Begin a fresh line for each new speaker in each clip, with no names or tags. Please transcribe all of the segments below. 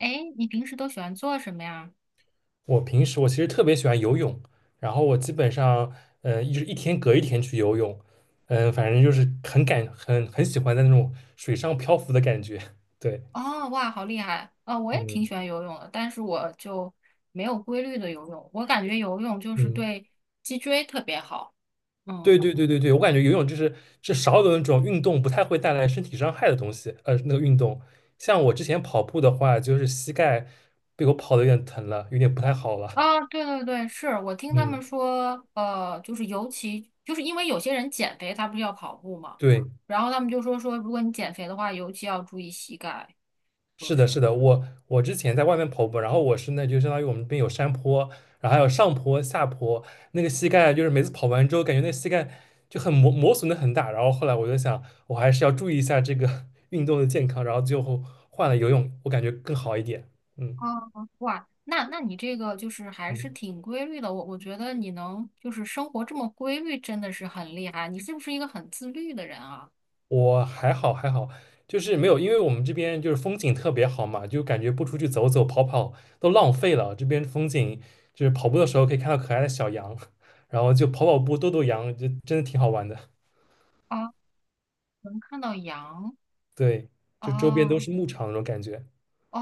哎，你平时都喜欢做什么呀？
我平时其实特别喜欢游泳，然后我基本上，一天隔一天去游泳，嗯、反正就是很感很很喜欢在那种水上漂浮的感觉。对，
哦，哇，好厉害！啊、我也挺
嗯
喜欢游泳的，但是我就没有规律的游泳。我感觉游泳就是
嗯，
对脊椎特别好。
对
嗯，
对对对对，我感觉游泳就是是少有的那种运动不太会带来身体伤害的东西，那个运动，像我之前跑步的话，就是膝盖被我跑的有点疼了，有点不太好了。
啊，对对对，是我听他们
嗯，
说，就是尤其就是因为有些人减肥，他不是要跑步嘛，
对，
然后他们就说，如果你减肥的话，尤其要注意膝盖，就
是的，是
是。
的，我之前在外面跑步，然后我是那就相当于我们这边有山坡，然后还有上坡、下坡，那个膝盖就是每次跑完之后，感觉那膝盖就很磨损的很大。然后后来我就想，我还是要注意一下这个 运动的健康，然后最后换了游泳，我感觉更好一点。嗯。
哦，哇，那那你这个就是还是
嗯
挺规律的，我觉得你能就是生活这么规律，真的是很厉害。你是不是一个很自律的人啊？
我还好，就是没有，因为我们这边就是风景特别好嘛，就感觉不出去走走跑跑都浪费了。这边风景就是跑步的时候可以看到可爱的小羊，然后就跑跑步逗逗羊，就真的挺好玩的。
啊，能看到羊
对，就周边都
啊，
是牧场那种感觉。
哦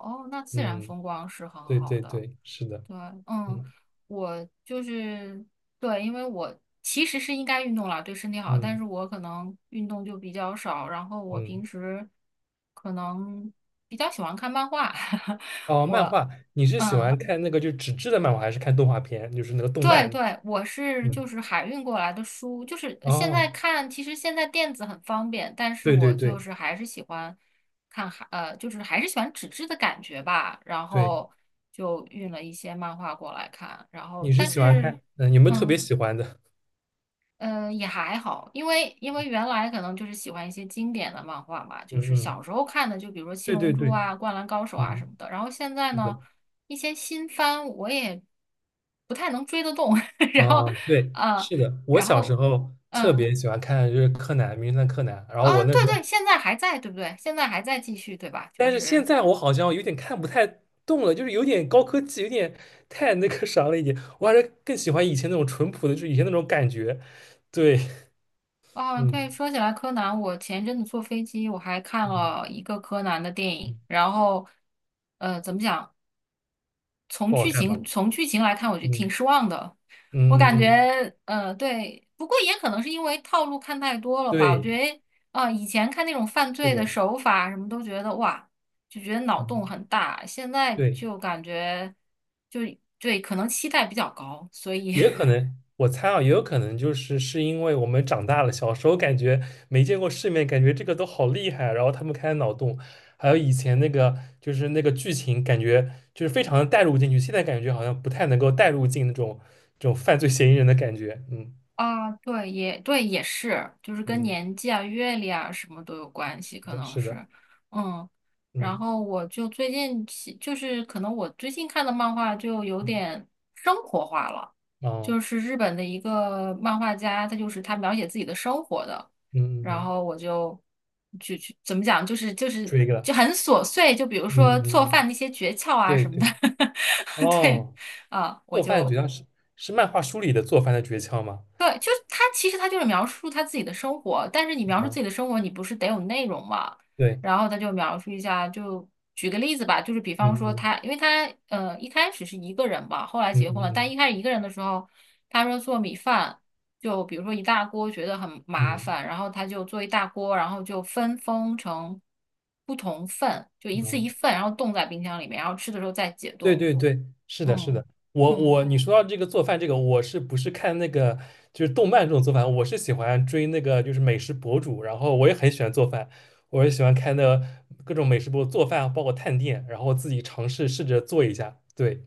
哦，那自然
嗯，
风光是很
对
好
对
的。
对，是的。
对，嗯，
嗯
我就是对，因为我其实是应该运动啦，对身体好，但
嗯
是我可能运动就比较少，然后我
嗯。
平时可能比较喜欢看漫画，
哦，漫
我。
画，你是喜
嗯。
欢看那个就纸质的漫画，还是看动画片，就是那个动
对
漫？
对，我是就
嗯，
是海运过来的书，就是现在
哦，
看，其实现在电子很方便，但是
对对
我
对
就是还是喜欢看海，就是还是喜欢纸质的感觉吧。然
对，
后就运了一些漫画过来看，然
你
后
是
但
喜欢
是，
看，有没有特别
嗯。
喜欢的？
嗯，也还好，因为原来可能就是喜欢一些经典的漫画嘛，就
嗯
是小
嗯。
时候看的，就比如说《七
对
龙
对
珠》
对，
啊、《灌篮高手》啊什么
嗯，
的。然后现在
是
呢，
的，
一些新番我也不太能追得动。然后，
啊、对，
呃，
是的，我
然
小时
后，
候特
嗯，
别喜欢看就是柯南、名侦探柯南，然后
啊，
我那时
对
候，
对，现在还在，对不对？现在还在继续，对吧？就
但是现
是，
在我好像有点看不太动了，就是有点高科技，有点太那个啥了一点，我还是更喜欢以前那种淳朴的，就是以前那种感觉，对，
哦，对，
嗯
说起来柯南，我前一阵子坐飞机，我还看
嗯
了一个柯南的电
嗯，
影，然后，呃，怎么讲？从
不好
剧
看吧？
情从剧情来看，我觉得挺
嗯
失望的。我
嗯
感
嗯，
觉，呃，对，不过也可能是因为套路看太多了吧。我
对，
觉得，啊、以前看那种犯
是
罪的
的，
手法什么都觉得哇，就觉得脑洞
嗯
很大，现在
对。
就感觉就对，可能期待比较高，所以
也可能，我猜啊，也有可能就是是因为我们长大了，小时候感觉没见过世面，感觉这个都好厉害啊，然后他们开脑洞，还有以前那个就是那个剧情，感觉就是非常的带入进去，现在感觉好像不太能够带入进那种这种犯罪嫌疑人的感觉，嗯
啊，对，也对，也是，就是跟
嗯，
年纪啊、阅历啊什么都有关
是
系，可
的，
能
是的，
是，嗯。然
嗯
后我就最近喜，就是可能我最近看的漫画就有
嗯
点生活化了，
哦，
就是日本的一个漫画家，他就是他描写自己的生活的，
嗯嗯
然
嗯，
后我就怎么讲，就是
追
就
了，
很琐碎，就比如
嗯
说做
嗯嗯，
饭那些诀窍啊
对
什么的，
对，
对
哦，
啊，我
做饭
就
诀窍是是漫画书里的做饭的诀窍吗？
对，就是他，其实他就是描述他自己的生活，但是你描述自
啊，
己的生活，你不是得有内容嘛？
对，
然后他就描述一下，就举个例子吧，就是比方
嗯
说
嗯
他，因为他一开始是一个人吧，后来
嗯
结婚
嗯
了，但
嗯。
一开始一个人的时候，他说做米饭，就比如说一大锅觉得很麻
嗯
烦，然后他就做一大锅，然后就分封成不同份，就一次
嗯，
一份，然后冻在冰箱里面，然后吃的时候再解
对
冻。
对对，是的，是
嗯
的。我
嗯。
我你说到这个做饭这个，我是不是看那个就是动漫这种做饭？我是喜欢追那个就是美食博主，然后我也很喜欢做饭，我也喜欢看那各种美食博主做饭，包括探店，然后自己尝试试着做一下。对，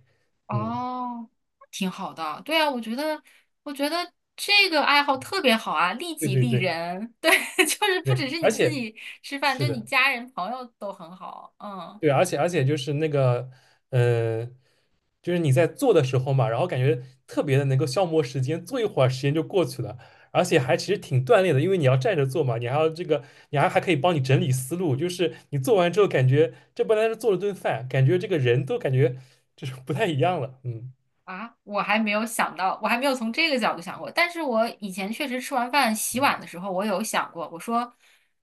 嗯，
哦，挺好的。对啊，我觉得，我觉得这个爱好特别好啊，利
对
己
对
利
对
人。对，就是不
对，
只是
而
你自
且
己吃饭，
是
就你
的，
家人朋友都很好。嗯，
对，而且就是那个，呃，就是你在做的时候嘛，然后感觉特别的能够消磨时间，做一会儿时间就过去了，而且还其实挺锻炼的，因为你要站着做嘛，你还要这个，你还可以帮你整理思路，就是你做完之后感觉这不单是做了顿饭，感觉这个人都感觉就是不太一样了，嗯
啊，我还没有想到，我还没有从这个角度想过。但是我以前确实吃完饭洗碗的时候，我有想过，我说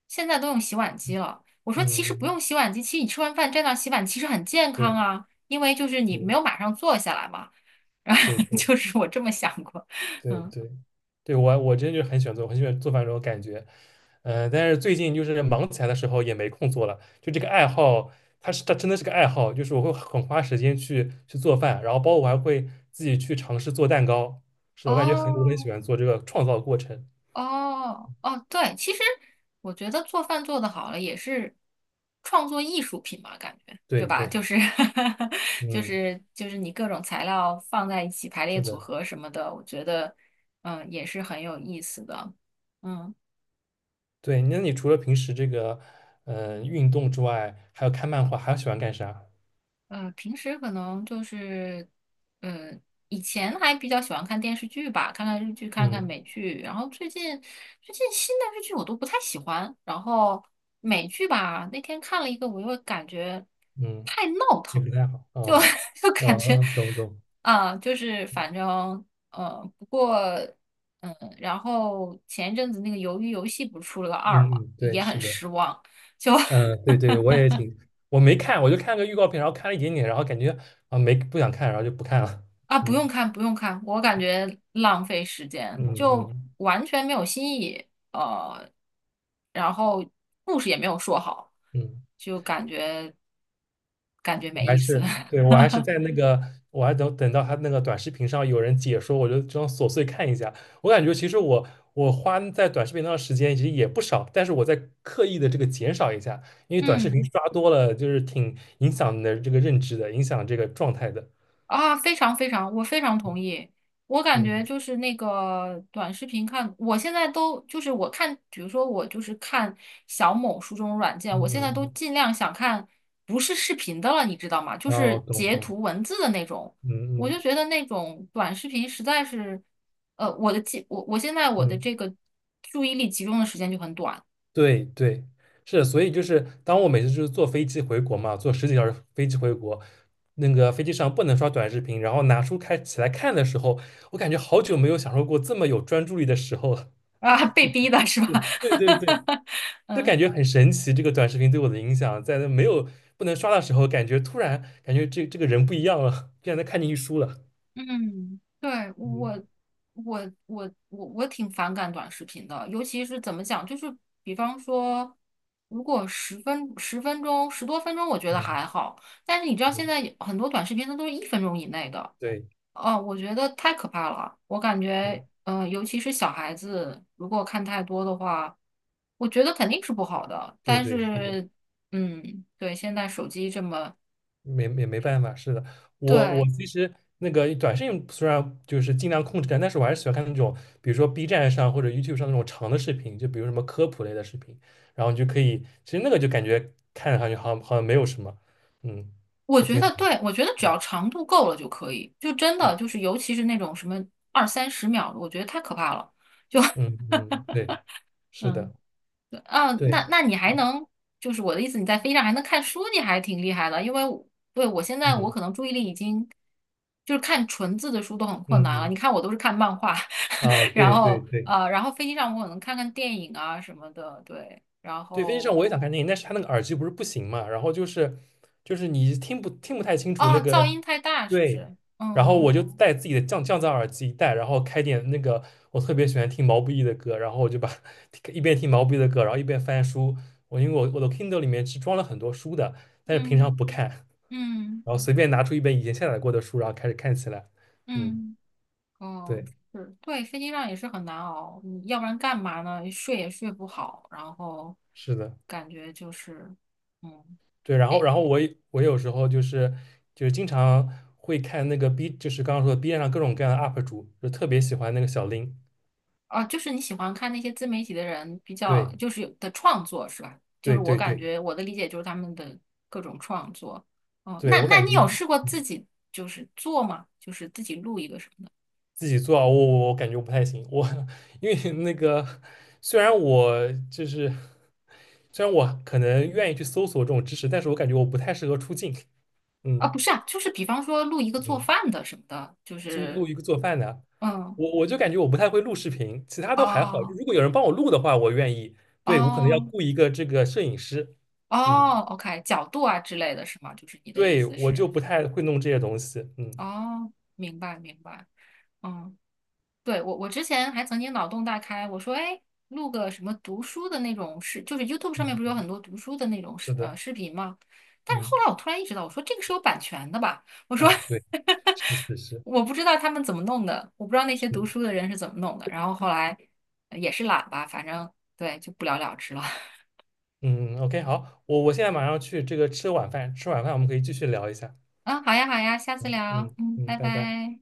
现在都用洗碗机了，我说
嗯
其
嗯，
实不用
嗯
洗碗机，其实你吃完饭站那儿洗碗，其实很健康
对
啊，因为就是你没有
对
马上坐下来嘛。然后
对对。
就是我这么想过，
对
嗯。
对对，我真就很喜欢做，我很喜欢做饭这种感觉。嗯、但是最近就是忙起来的时候也没空做了，就这个爱好，它真的是个爱好，就是我会很花时间去做饭，然后包括我还会自己去尝试做蛋糕。是的，我很喜
哦
欢做这个创造过程。
哦，对，其实我觉得做饭做的好了也是创作艺术品嘛，感觉对
对
吧？
对，
就是 就
嗯，
是就是你各种材料放在一起排列
是
组
的，
合什么的，我觉得嗯也是很有意思的。嗯。
对。那你除了平时这个嗯、运动之外，还有看漫画，还喜欢干啥？
呃，平时可能就是，呃，以前还比较喜欢看电视剧吧，看看日剧，看看
嗯
美剧。然后最近新的日剧我都不太喜欢。然后美剧吧，那天看了一个，我又感觉
嗯，也不太好
就
啊，
就感觉
懂懂。
啊、就是反正呃，不过嗯，然后前一阵子那个《鱿鱼游戏》不是出了个二嘛，
嗯，嗯对，
也
是
很
的。
失望。就
嗯，对对，我也挺，我没看，我就看个预告片，然后看了一点点，然后感觉啊没不想看，然后就不看了。
啊，不用
嗯
看，不用看，我感觉浪费时间，
嗯
就
嗯
完全没有新意，然后故事也没有说好，
嗯，
就感觉感觉没意思。
我还是在 那个，我还等等到他那个短视频上有人解说，我就这样琐碎看一下。我感觉其实我花在短视频上的时间其实也不少，但是我在刻意的这个减少一下，因为短视频
嗯。
刷多了就是挺影响你的这个认知的，影响这个状态的。
啊，非常，我非常同意。我感
嗯
觉
嗯
就是那个短视频看，我现在都就是我看，比如说我就是看小某书这种软件，
嗯
我现在
嗯，
都
嗯
尽量想看不是视频的了，你知道吗？就
嗯哦，
是
懂
截
懂，
图文字的那种。
嗯
我
嗯
就觉得那种短视频实在是，呃，我的记我我现在我的
嗯。
这个注意力集中的时间就很短
对对，是，所以就是当我每次就是坐飞机回国嘛，坐十几个小时飞机回国，那个飞机上不能刷短视频，然后拿书开起来看的时候，我感觉好久没有享受过这么有专注力的时候了。
啊，被逼的是 吧？
对对对对，就
嗯。
感觉很神奇，这个短视频对我的影响，在那没有不能刷的时候，突然感觉这个人不一样了，竟然能看进去书了。
嗯，对，我
嗯
我我我我挺反感短视频的，尤其是怎么讲，就是比方说，如果十多分钟，我觉得
嗯
还好，但是你知道现
嗯，
在有很多短视频它都是一分钟以内的，
对
哦，我觉得太可怕了，我感
对
觉，呃，尤其是小孩子如果看太多的话，我觉得肯定是不好的，
对
但
对，是的。
是，嗯，对，现在手机这么。
没没没办法，是的，我
对，
其实那个短视频虽然就是尽量控制但是我还是喜欢看那种，比如说 B 站上或者 YouTube 上那种长的视频，就比如什么科普类的视频，然后你就可以，其实那个就感觉看上去好像好像没有什么，嗯，
我
还
觉
挺，
得对，我觉得只要长度够了就可以，就真的就是，尤其是那种什么二三十秒的，我觉得太可怕了。就
嗯嗯，对，是的，
嗯，对啊，那
对，
那你还能，就是我的意思，你在飞机上还能看书，你还挺厉害的。因为我对我现在我
嗯
可能注意力已经就是看纯字的书都很困
嗯
难了。你
嗯
看我都是看漫画，
嗯，啊，
然
对对
后
对。
呃，然后飞机上我可能看看电影啊什么的，对。然
对，飞机上我
后
也想看电影，但是他那个耳机不是不行嘛，然后就是就是你听不太清楚那
哦，
个
噪音太大是不
对，
是？
然后
嗯
我就带自己的降噪耳机一戴，然后开点那个我特别喜欢听毛不易的歌，然后我就把 一边听毛不易的歌，然后一边翻书。我因为我的 Kindle 里面是装了很多书的，但是平
嗯
常不看，
嗯
然后随便拿出一本以前下载过的书，然后开始看起来。嗯，
嗯。哦，
对，
是，对，飞机上也是很难熬，你要不然干嘛呢？睡也睡不好，然后
是的。
感觉就是，嗯，
对，然后
哎，
然后我有时候就是就是经常会看那个 B，就是刚刚说的 B 站上各种各样的 UP 主，就特别喜欢那个小林。
哦，就是你喜欢看那些自媒体的人比较，
对
就是有的创作是吧？就是
对
我
对
感
对
觉我的理解就是他们的各种创作。哦，
对，
那
我
那
感
你
觉
有
就是
试过自己就是做吗？就是自己录一个什么的？
自己做啊，我感觉我不太行，我 因为那个虽然我就是虽然我可能愿意去搜索这种知识，但是我感觉我不太适合出镜。
啊，
嗯
不是啊，就是比方说录一个做
嗯。
饭的什么的，就
租
是
录一个做饭的，
嗯，
我就感觉我不太会录视频，其他都还好。就
哦
如果有人帮我录的话，我愿意。对，我可能要
哦。
雇一个这个摄影师，
哦
嗯，
，OK，角度啊之类的是吗？就是你的意
对，
思
我
是，
就不太会弄这些东西，嗯
哦，明白，嗯，对，我我之前还曾经脑洞大开，我说，哎，录个什么读书的那种视，就是 YouTube 上面
嗯，
不是有
嗯
很多读书的那种
是的，
视频吗？但是
嗯
后来我突然意识到，我说这个是有版权的吧？我说
啊，对，是是 是
我不知道他们怎么弄的，我不知道那些
是
读
的，
书的人是怎么弄的。然后后来也是懒吧，反正对，就不了了之了。
嗯嗯，OK，好，我现在马上去这个吃晚饭，吃晚饭我们可以继续聊一下，
嗯，好呀好呀，下次
嗯
聊，
嗯
嗯，
嗯，
拜
拜拜。
拜。